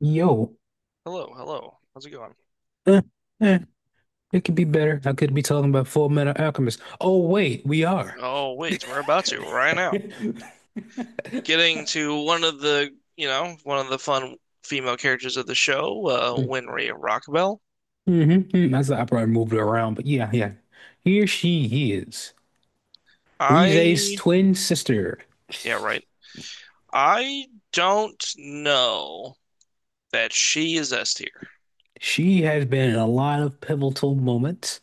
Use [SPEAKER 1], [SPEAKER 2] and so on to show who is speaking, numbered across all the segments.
[SPEAKER 1] Yo,
[SPEAKER 2] Hello, hello. How's it going?
[SPEAKER 1] eh, eh, it could be better. I could be talking about Full Metal Alchemist. Oh, wait, we are.
[SPEAKER 2] Oh, wait, we're about to right now. Getting to one of the fun female characters of the show,
[SPEAKER 1] Mm-hmm,
[SPEAKER 2] Winry Rockabelle.
[SPEAKER 1] mm-hmm. That's I probably moved it around, but yeah, yeah. Here she is, Rize's
[SPEAKER 2] I,
[SPEAKER 1] twin sister.
[SPEAKER 2] yeah, right. I don't know that she is S tier.
[SPEAKER 1] She has been in a lot of pivotal moments.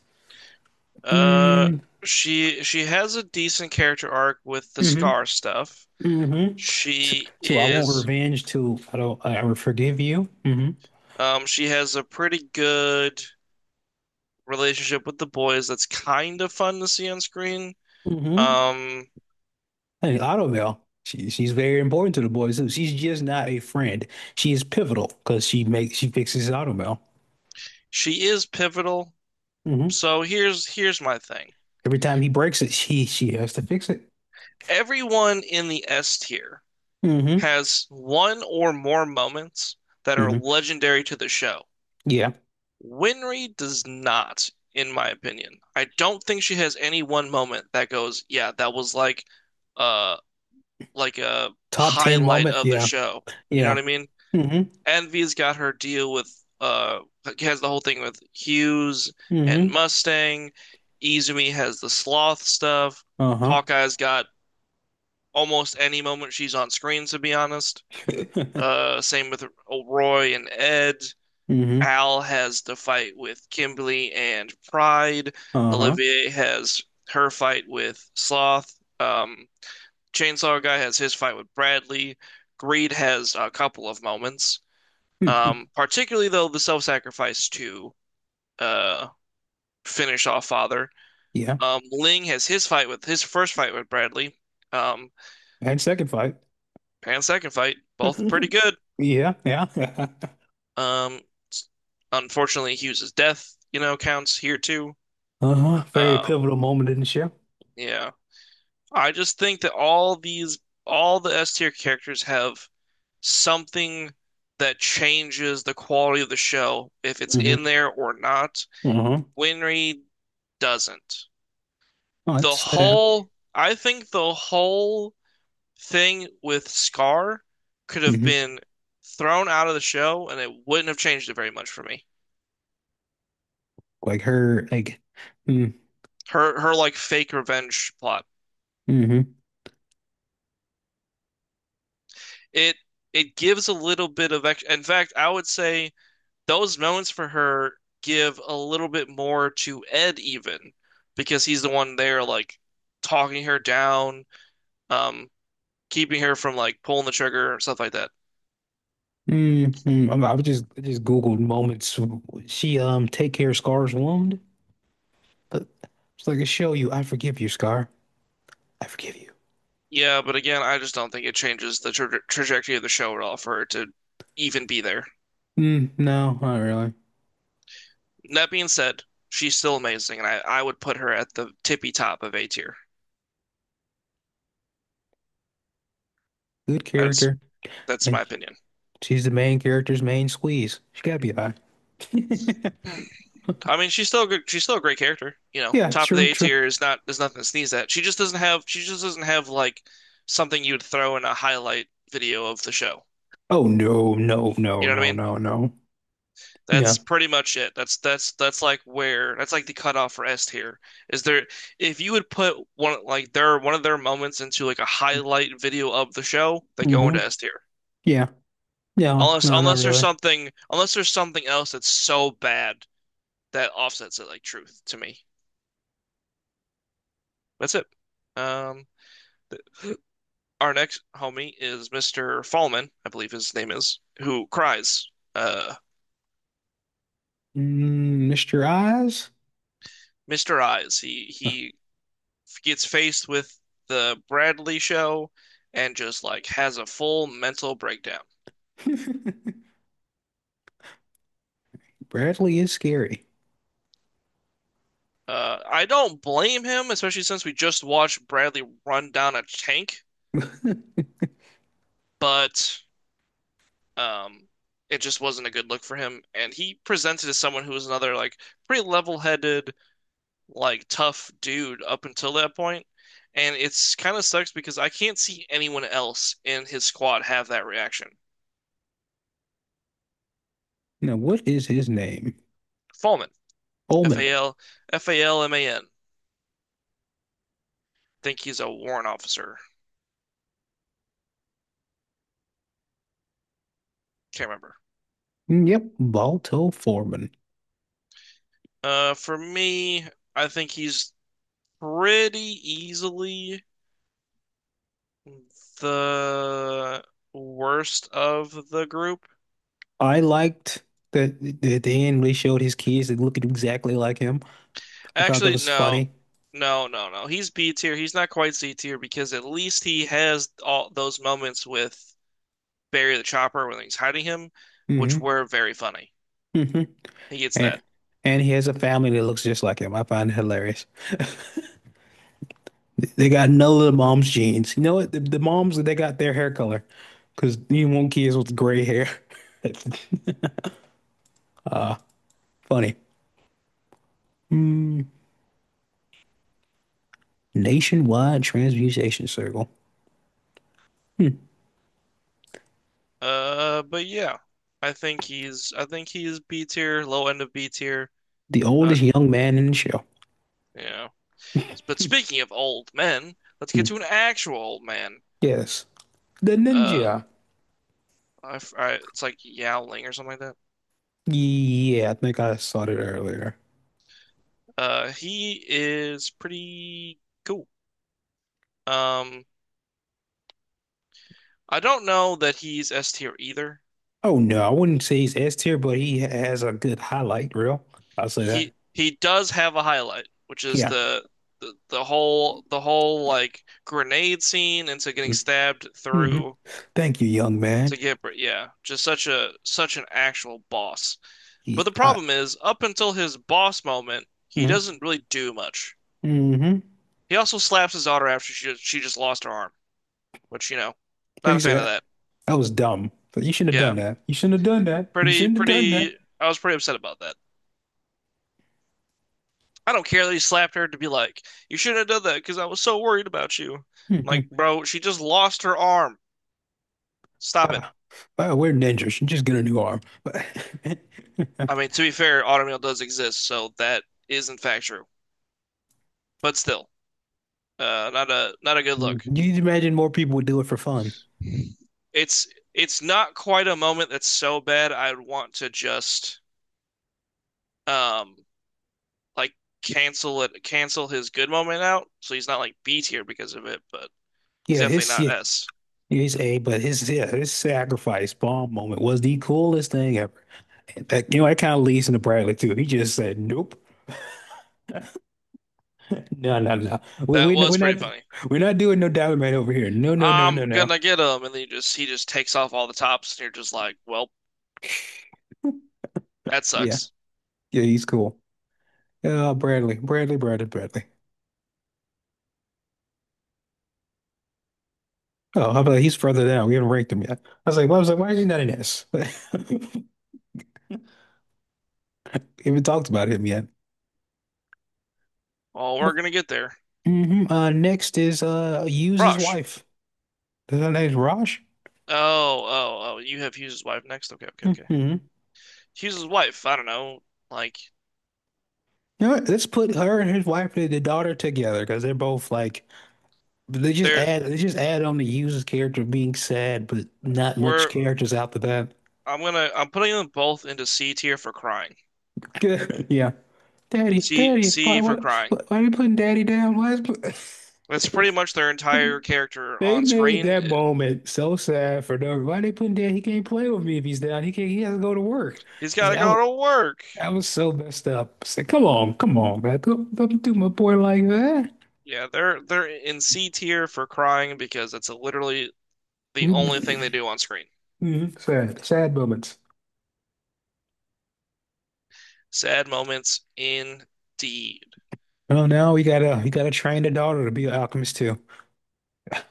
[SPEAKER 2] Uh,
[SPEAKER 1] Mm,
[SPEAKER 2] she has a decent character arc with the
[SPEAKER 1] hmm
[SPEAKER 2] Scar stuff.
[SPEAKER 1] hmm To,
[SPEAKER 2] She
[SPEAKER 1] to I want
[SPEAKER 2] is,
[SPEAKER 1] revenge. To I don't. I will forgive you. Mm-hmm,
[SPEAKER 2] she has a pretty good relationship with the boys that's kind of fun to see on screen.
[SPEAKER 1] mm-hmm.
[SPEAKER 2] Um,
[SPEAKER 1] Hey, Autumn, she's very important to the boys too. She's just not a friend. She is pivotal because she fixes his automail.
[SPEAKER 2] She is pivotal.
[SPEAKER 1] hmm
[SPEAKER 2] So here's my thing.
[SPEAKER 1] Every time he breaks it, she has to fix it.
[SPEAKER 2] Everyone in the S tier
[SPEAKER 1] hmm
[SPEAKER 2] has one or more moments that are
[SPEAKER 1] hmm
[SPEAKER 2] legendary to the show.
[SPEAKER 1] Yeah.
[SPEAKER 2] Winry does not, in my opinion. I don't think she has any one moment that goes, yeah, that was uh like a
[SPEAKER 1] Top 10
[SPEAKER 2] highlight
[SPEAKER 1] moment.
[SPEAKER 2] of the
[SPEAKER 1] Yeah.
[SPEAKER 2] show. You know what
[SPEAKER 1] Yeah.
[SPEAKER 2] I mean?
[SPEAKER 1] hmm
[SPEAKER 2] Envy's got her deal with uh has the whole thing with Hughes and
[SPEAKER 1] hmm
[SPEAKER 2] Mustang. Izumi has the sloth stuff.
[SPEAKER 1] Uh-huh.
[SPEAKER 2] Hawkeye's got almost any moment she's on screen, to be honest. Same with Roy and Ed.
[SPEAKER 1] hmm
[SPEAKER 2] Al has the fight with Kimberly and Pride.
[SPEAKER 1] Uh-huh.
[SPEAKER 2] Olivier has her fight with Sloth. Um, Chainsaw Guy has his fight with Bradley. Greed has a couple of moments. Particularly though the self-sacrifice to uh finish off Father.
[SPEAKER 1] Yeah.
[SPEAKER 2] Ling has his first fight with Bradley. Um,
[SPEAKER 1] And second fight.
[SPEAKER 2] Pan's second fight, both pretty good.
[SPEAKER 1] Yeah. Yeah.
[SPEAKER 2] Um, Unfortunately, Hughes' death counts here too.
[SPEAKER 1] Uh-huh. Very
[SPEAKER 2] Um,
[SPEAKER 1] pivotal moment in the show.
[SPEAKER 2] yeah, I just think that all the S tier characters have something that changes the quality of the show, if it's
[SPEAKER 1] hmm
[SPEAKER 2] in there or not.
[SPEAKER 1] Uh-huh.
[SPEAKER 2] Winry doesn't.
[SPEAKER 1] Oh,
[SPEAKER 2] The
[SPEAKER 1] it's
[SPEAKER 2] whole I think the whole thing with Scar could have
[SPEAKER 1] hmm
[SPEAKER 2] been thrown out of the show and it wouldn't have changed it very much for me.
[SPEAKER 1] Like her, like. Mm-hmm.
[SPEAKER 2] Her like fake revenge plot.
[SPEAKER 1] hmm
[SPEAKER 2] It it gives a little bit of ex in fact, I would say those moments for her give a little bit more to Ed even because he's the one there like talking her down, um keeping her from like pulling the trigger and stuff like that.
[SPEAKER 1] I just Googled moments. She take care Scar's wound. But it's like a show you. I forgive you, Scar. I forgive you.
[SPEAKER 2] Yeah, but again, I just don't think it changes the trajectory of the show at all for her to even be there.
[SPEAKER 1] Mm, no, not really.
[SPEAKER 2] That being said, she's still amazing, and I would put her at the tippy top of A tier.
[SPEAKER 1] Good
[SPEAKER 2] That's
[SPEAKER 1] character,
[SPEAKER 2] that's
[SPEAKER 1] and
[SPEAKER 2] my opinion.
[SPEAKER 1] she's the main character's main squeeze. She gotta be high.
[SPEAKER 2] I mean, she's still good, she's still a great character. You know,
[SPEAKER 1] Yeah,
[SPEAKER 2] top of the
[SPEAKER 1] true,
[SPEAKER 2] A
[SPEAKER 1] true.
[SPEAKER 2] tier is nothing to sneeze at. She just doesn't have like something you'd throw in a highlight video of the show.
[SPEAKER 1] Oh no, no, no,
[SPEAKER 2] You know what
[SPEAKER 1] no,
[SPEAKER 2] I mean?
[SPEAKER 1] no, no.
[SPEAKER 2] That's
[SPEAKER 1] No.
[SPEAKER 2] pretty much it. That's like the cutoff for S tier. Is there If you would put one of their moments into like a highlight video of the show, they go
[SPEAKER 1] hmm
[SPEAKER 2] into S tier.
[SPEAKER 1] Yeah. No,
[SPEAKER 2] Unless
[SPEAKER 1] no, not
[SPEAKER 2] unless there's
[SPEAKER 1] really.
[SPEAKER 2] something unless there's something else that's so bad that offsets it like truth to me. That's it. Um, th- our next homie is Mr. Fallman, I believe his name is, who cries.
[SPEAKER 1] Mm, Mr. Eyes?
[SPEAKER 2] Mr. Eyes. He gets faced with the Bradley show and just like has a full mental breakdown.
[SPEAKER 1] Bradley is scary.
[SPEAKER 2] I don't blame him, especially since we just watched Bradley run down a tank, but um, it just wasn't a good look for him. And he presented as someone who was another like pretty level-headed, like tough dude up until that point. And it's kind of sucks because I can't see anyone else in his squad have that reaction.
[SPEAKER 1] Now, what is his name?
[SPEAKER 2] Fallman, F
[SPEAKER 1] Omen.
[SPEAKER 2] A L F A L M A N. Think he's a warrant officer. Can't remember.
[SPEAKER 1] Yep, Balto Foreman.
[SPEAKER 2] For me, I think he's pretty easily the worst of the group.
[SPEAKER 1] I liked that Dan really showed his kids that looked exactly like him. I thought that
[SPEAKER 2] Actually,
[SPEAKER 1] was
[SPEAKER 2] no.
[SPEAKER 1] funny.
[SPEAKER 2] No, no, no. He's B tier. He's not quite C tier because at least he has all those moments with Barry the Chopper when he's hiding him, which
[SPEAKER 1] hmm
[SPEAKER 2] were very funny.
[SPEAKER 1] hmm
[SPEAKER 2] He gets that.
[SPEAKER 1] And he has a family that looks just like him. I find it hilarious. They got none of the mom's genes. You know what? The moms they got their hair color because you want kids with gray hair. Uh, Funny. Mm. Nationwide Transmutation Circle. Hmm.
[SPEAKER 2] But yeah, I think he's B tier, low end of B tier.
[SPEAKER 1] The
[SPEAKER 2] Uh,
[SPEAKER 1] oldest young man in the show.
[SPEAKER 2] yeah. But speaking of old men, let's get
[SPEAKER 1] Hmm.
[SPEAKER 2] to an actual old man.
[SPEAKER 1] Yes, the
[SPEAKER 2] Uh,
[SPEAKER 1] ninja.
[SPEAKER 2] it's like Yowling or something like that.
[SPEAKER 1] Yeah, I think I saw that earlier.
[SPEAKER 2] He is pretty cool. Um, I don't know that he's S tier either.
[SPEAKER 1] Oh no, I wouldn't say he's S tier, but he has a good highlight reel. I'll say that.
[SPEAKER 2] He does have a highlight, which is
[SPEAKER 1] Yeah.
[SPEAKER 2] the whole like grenade scene into getting
[SPEAKER 1] mm
[SPEAKER 2] stabbed
[SPEAKER 1] hmm
[SPEAKER 2] through
[SPEAKER 1] Thank you, young man.
[SPEAKER 2] yeah, just such an actual boss. But
[SPEAKER 1] He,
[SPEAKER 2] the
[SPEAKER 1] I,
[SPEAKER 2] problem is, up until his boss moment, he
[SPEAKER 1] mm-hmm,
[SPEAKER 2] doesn't really do much.
[SPEAKER 1] mm-hmm.
[SPEAKER 2] He also slaps his daughter after she just lost her arm, which, you know,
[SPEAKER 1] Like
[SPEAKER 2] not
[SPEAKER 1] you
[SPEAKER 2] a fan of
[SPEAKER 1] said,
[SPEAKER 2] that.
[SPEAKER 1] that was dumb. But you shouldn't have done
[SPEAKER 2] Yeah.
[SPEAKER 1] that. You shouldn't have done that. You
[SPEAKER 2] Pretty
[SPEAKER 1] shouldn't have done that.
[SPEAKER 2] pretty I was pretty upset about that. I don't care that he slapped her to be like, you shouldn't have done that because I was so worried about you. I'm
[SPEAKER 1] hmm
[SPEAKER 2] like, bro, she just lost her arm. Stop it.
[SPEAKER 1] Ah, well, we're ninjas. You just get a new arm.
[SPEAKER 2] I mean, to be fair, automail does exist, so that is in fact true. But still, not a good look.
[SPEAKER 1] But you imagine more people would do it for fun.
[SPEAKER 2] It's it's not quite a moment that's so bad I'd want to just um like cancel it, cancel his good moment out, so he's not like B tier because of it, but he's
[SPEAKER 1] Yeah,
[SPEAKER 2] definitely
[SPEAKER 1] his yeah,
[SPEAKER 2] not S.
[SPEAKER 1] He's a his sacrifice bomb moment was the coolest thing ever. And that, you know, that kind of leads into Bradley too. He just said, "Nope, no, no, no. We
[SPEAKER 2] That
[SPEAKER 1] we we're
[SPEAKER 2] was pretty
[SPEAKER 1] not
[SPEAKER 2] funny.
[SPEAKER 1] doing no Diamond Man over here. No, no, no,
[SPEAKER 2] I'm
[SPEAKER 1] no, no."
[SPEAKER 2] gonna get him, and then he just takes off all the tops, and you're just like, well, that
[SPEAKER 1] Yeah,
[SPEAKER 2] sucks.
[SPEAKER 1] yeah, he's cool. Bradley, Bradley, Bradley, Bradley. Oh, how about he's further down? We haven't ranked him yet. I was like, well, I was like, why is he not in this? We haven't talked about him yet.
[SPEAKER 2] Oh, we're gonna get there.
[SPEAKER 1] Next is use his
[SPEAKER 2] Rush.
[SPEAKER 1] wife. Is that name Raj?
[SPEAKER 2] Oh, oh, oh, you have Hughes' wife next. Okay, okay, okay.
[SPEAKER 1] Hmm.
[SPEAKER 2] Hughes' wife. I don't know. Like
[SPEAKER 1] You know what? Let's put her and his wife and the daughter together because they're both like
[SPEAKER 2] they're
[SPEAKER 1] they just add on the user's character being sad, but not much
[SPEAKER 2] we're
[SPEAKER 1] characters after that.
[SPEAKER 2] I'm gonna I'm putting them both into C tier for crying.
[SPEAKER 1] Yeah, Daddy,
[SPEAKER 2] C
[SPEAKER 1] Daddy, why
[SPEAKER 2] C for
[SPEAKER 1] what
[SPEAKER 2] crying.
[SPEAKER 1] why are you putting Daddy down? Why is
[SPEAKER 2] That's pretty much their entire character
[SPEAKER 1] they
[SPEAKER 2] on
[SPEAKER 1] made
[SPEAKER 2] screen.
[SPEAKER 1] that moment so sad for no why they putting Daddy? He can't play with me if he's down. He can't. He has to go to work.
[SPEAKER 2] He's
[SPEAKER 1] I
[SPEAKER 2] got
[SPEAKER 1] said,
[SPEAKER 2] to
[SPEAKER 1] I was,
[SPEAKER 2] go to work.
[SPEAKER 1] I was so messed up. I said, come on, come on, man, don't do my boy like that.
[SPEAKER 2] Yeah, they're in C tier for crying because that's literally the only thing they do on screen.
[SPEAKER 1] Mhm. Sad, sad moments.
[SPEAKER 2] Sad moments indeed.
[SPEAKER 1] Oh no, we gotta train the daughter to be an alchemist too. I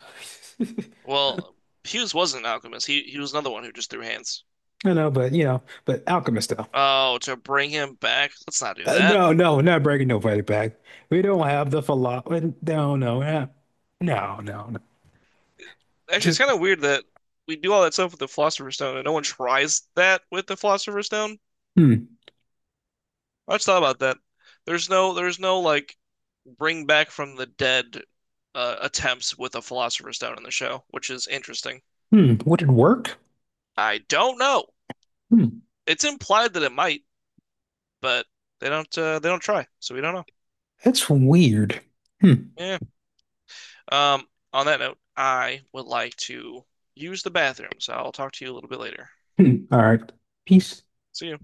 [SPEAKER 2] Well, Hughes wasn't an alchemist. He was another one who just threw hands.
[SPEAKER 1] know, but you know, but alchemist though.
[SPEAKER 2] Oh, to bring him back? Let's not do that.
[SPEAKER 1] No, no, we're not breaking nobody back. We don't have the philosophy. No, no, we no, no, no.
[SPEAKER 2] Actually, it's
[SPEAKER 1] Just
[SPEAKER 2] kind of weird that we do all that stuff with the Philosopher's Stone and no one tries that with the Philosopher's Stone.
[SPEAKER 1] hmm,
[SPEAKER 2] I just thought about that. There's no like bring back from the dead attempts with a Philosopher's Stone in the show, which is interesting.
[SPEAKER 1] hmm. Would it work?
[SPEAKER 2] I don't know.
[SPEAKER 1] Hmm.
[SPEAKER 2] It's implied that it might, but they don't try, so we don't know.
[SPEAKER 1] That's weird. Hmm.
[SPEAKER 2] Yeah. Um, on that note, I would like to use the bathroom, so I'll talk to you a little bit later.
[SPEAKER 1] Hmm. All right. Peace.
[SPEAKER 2] See you.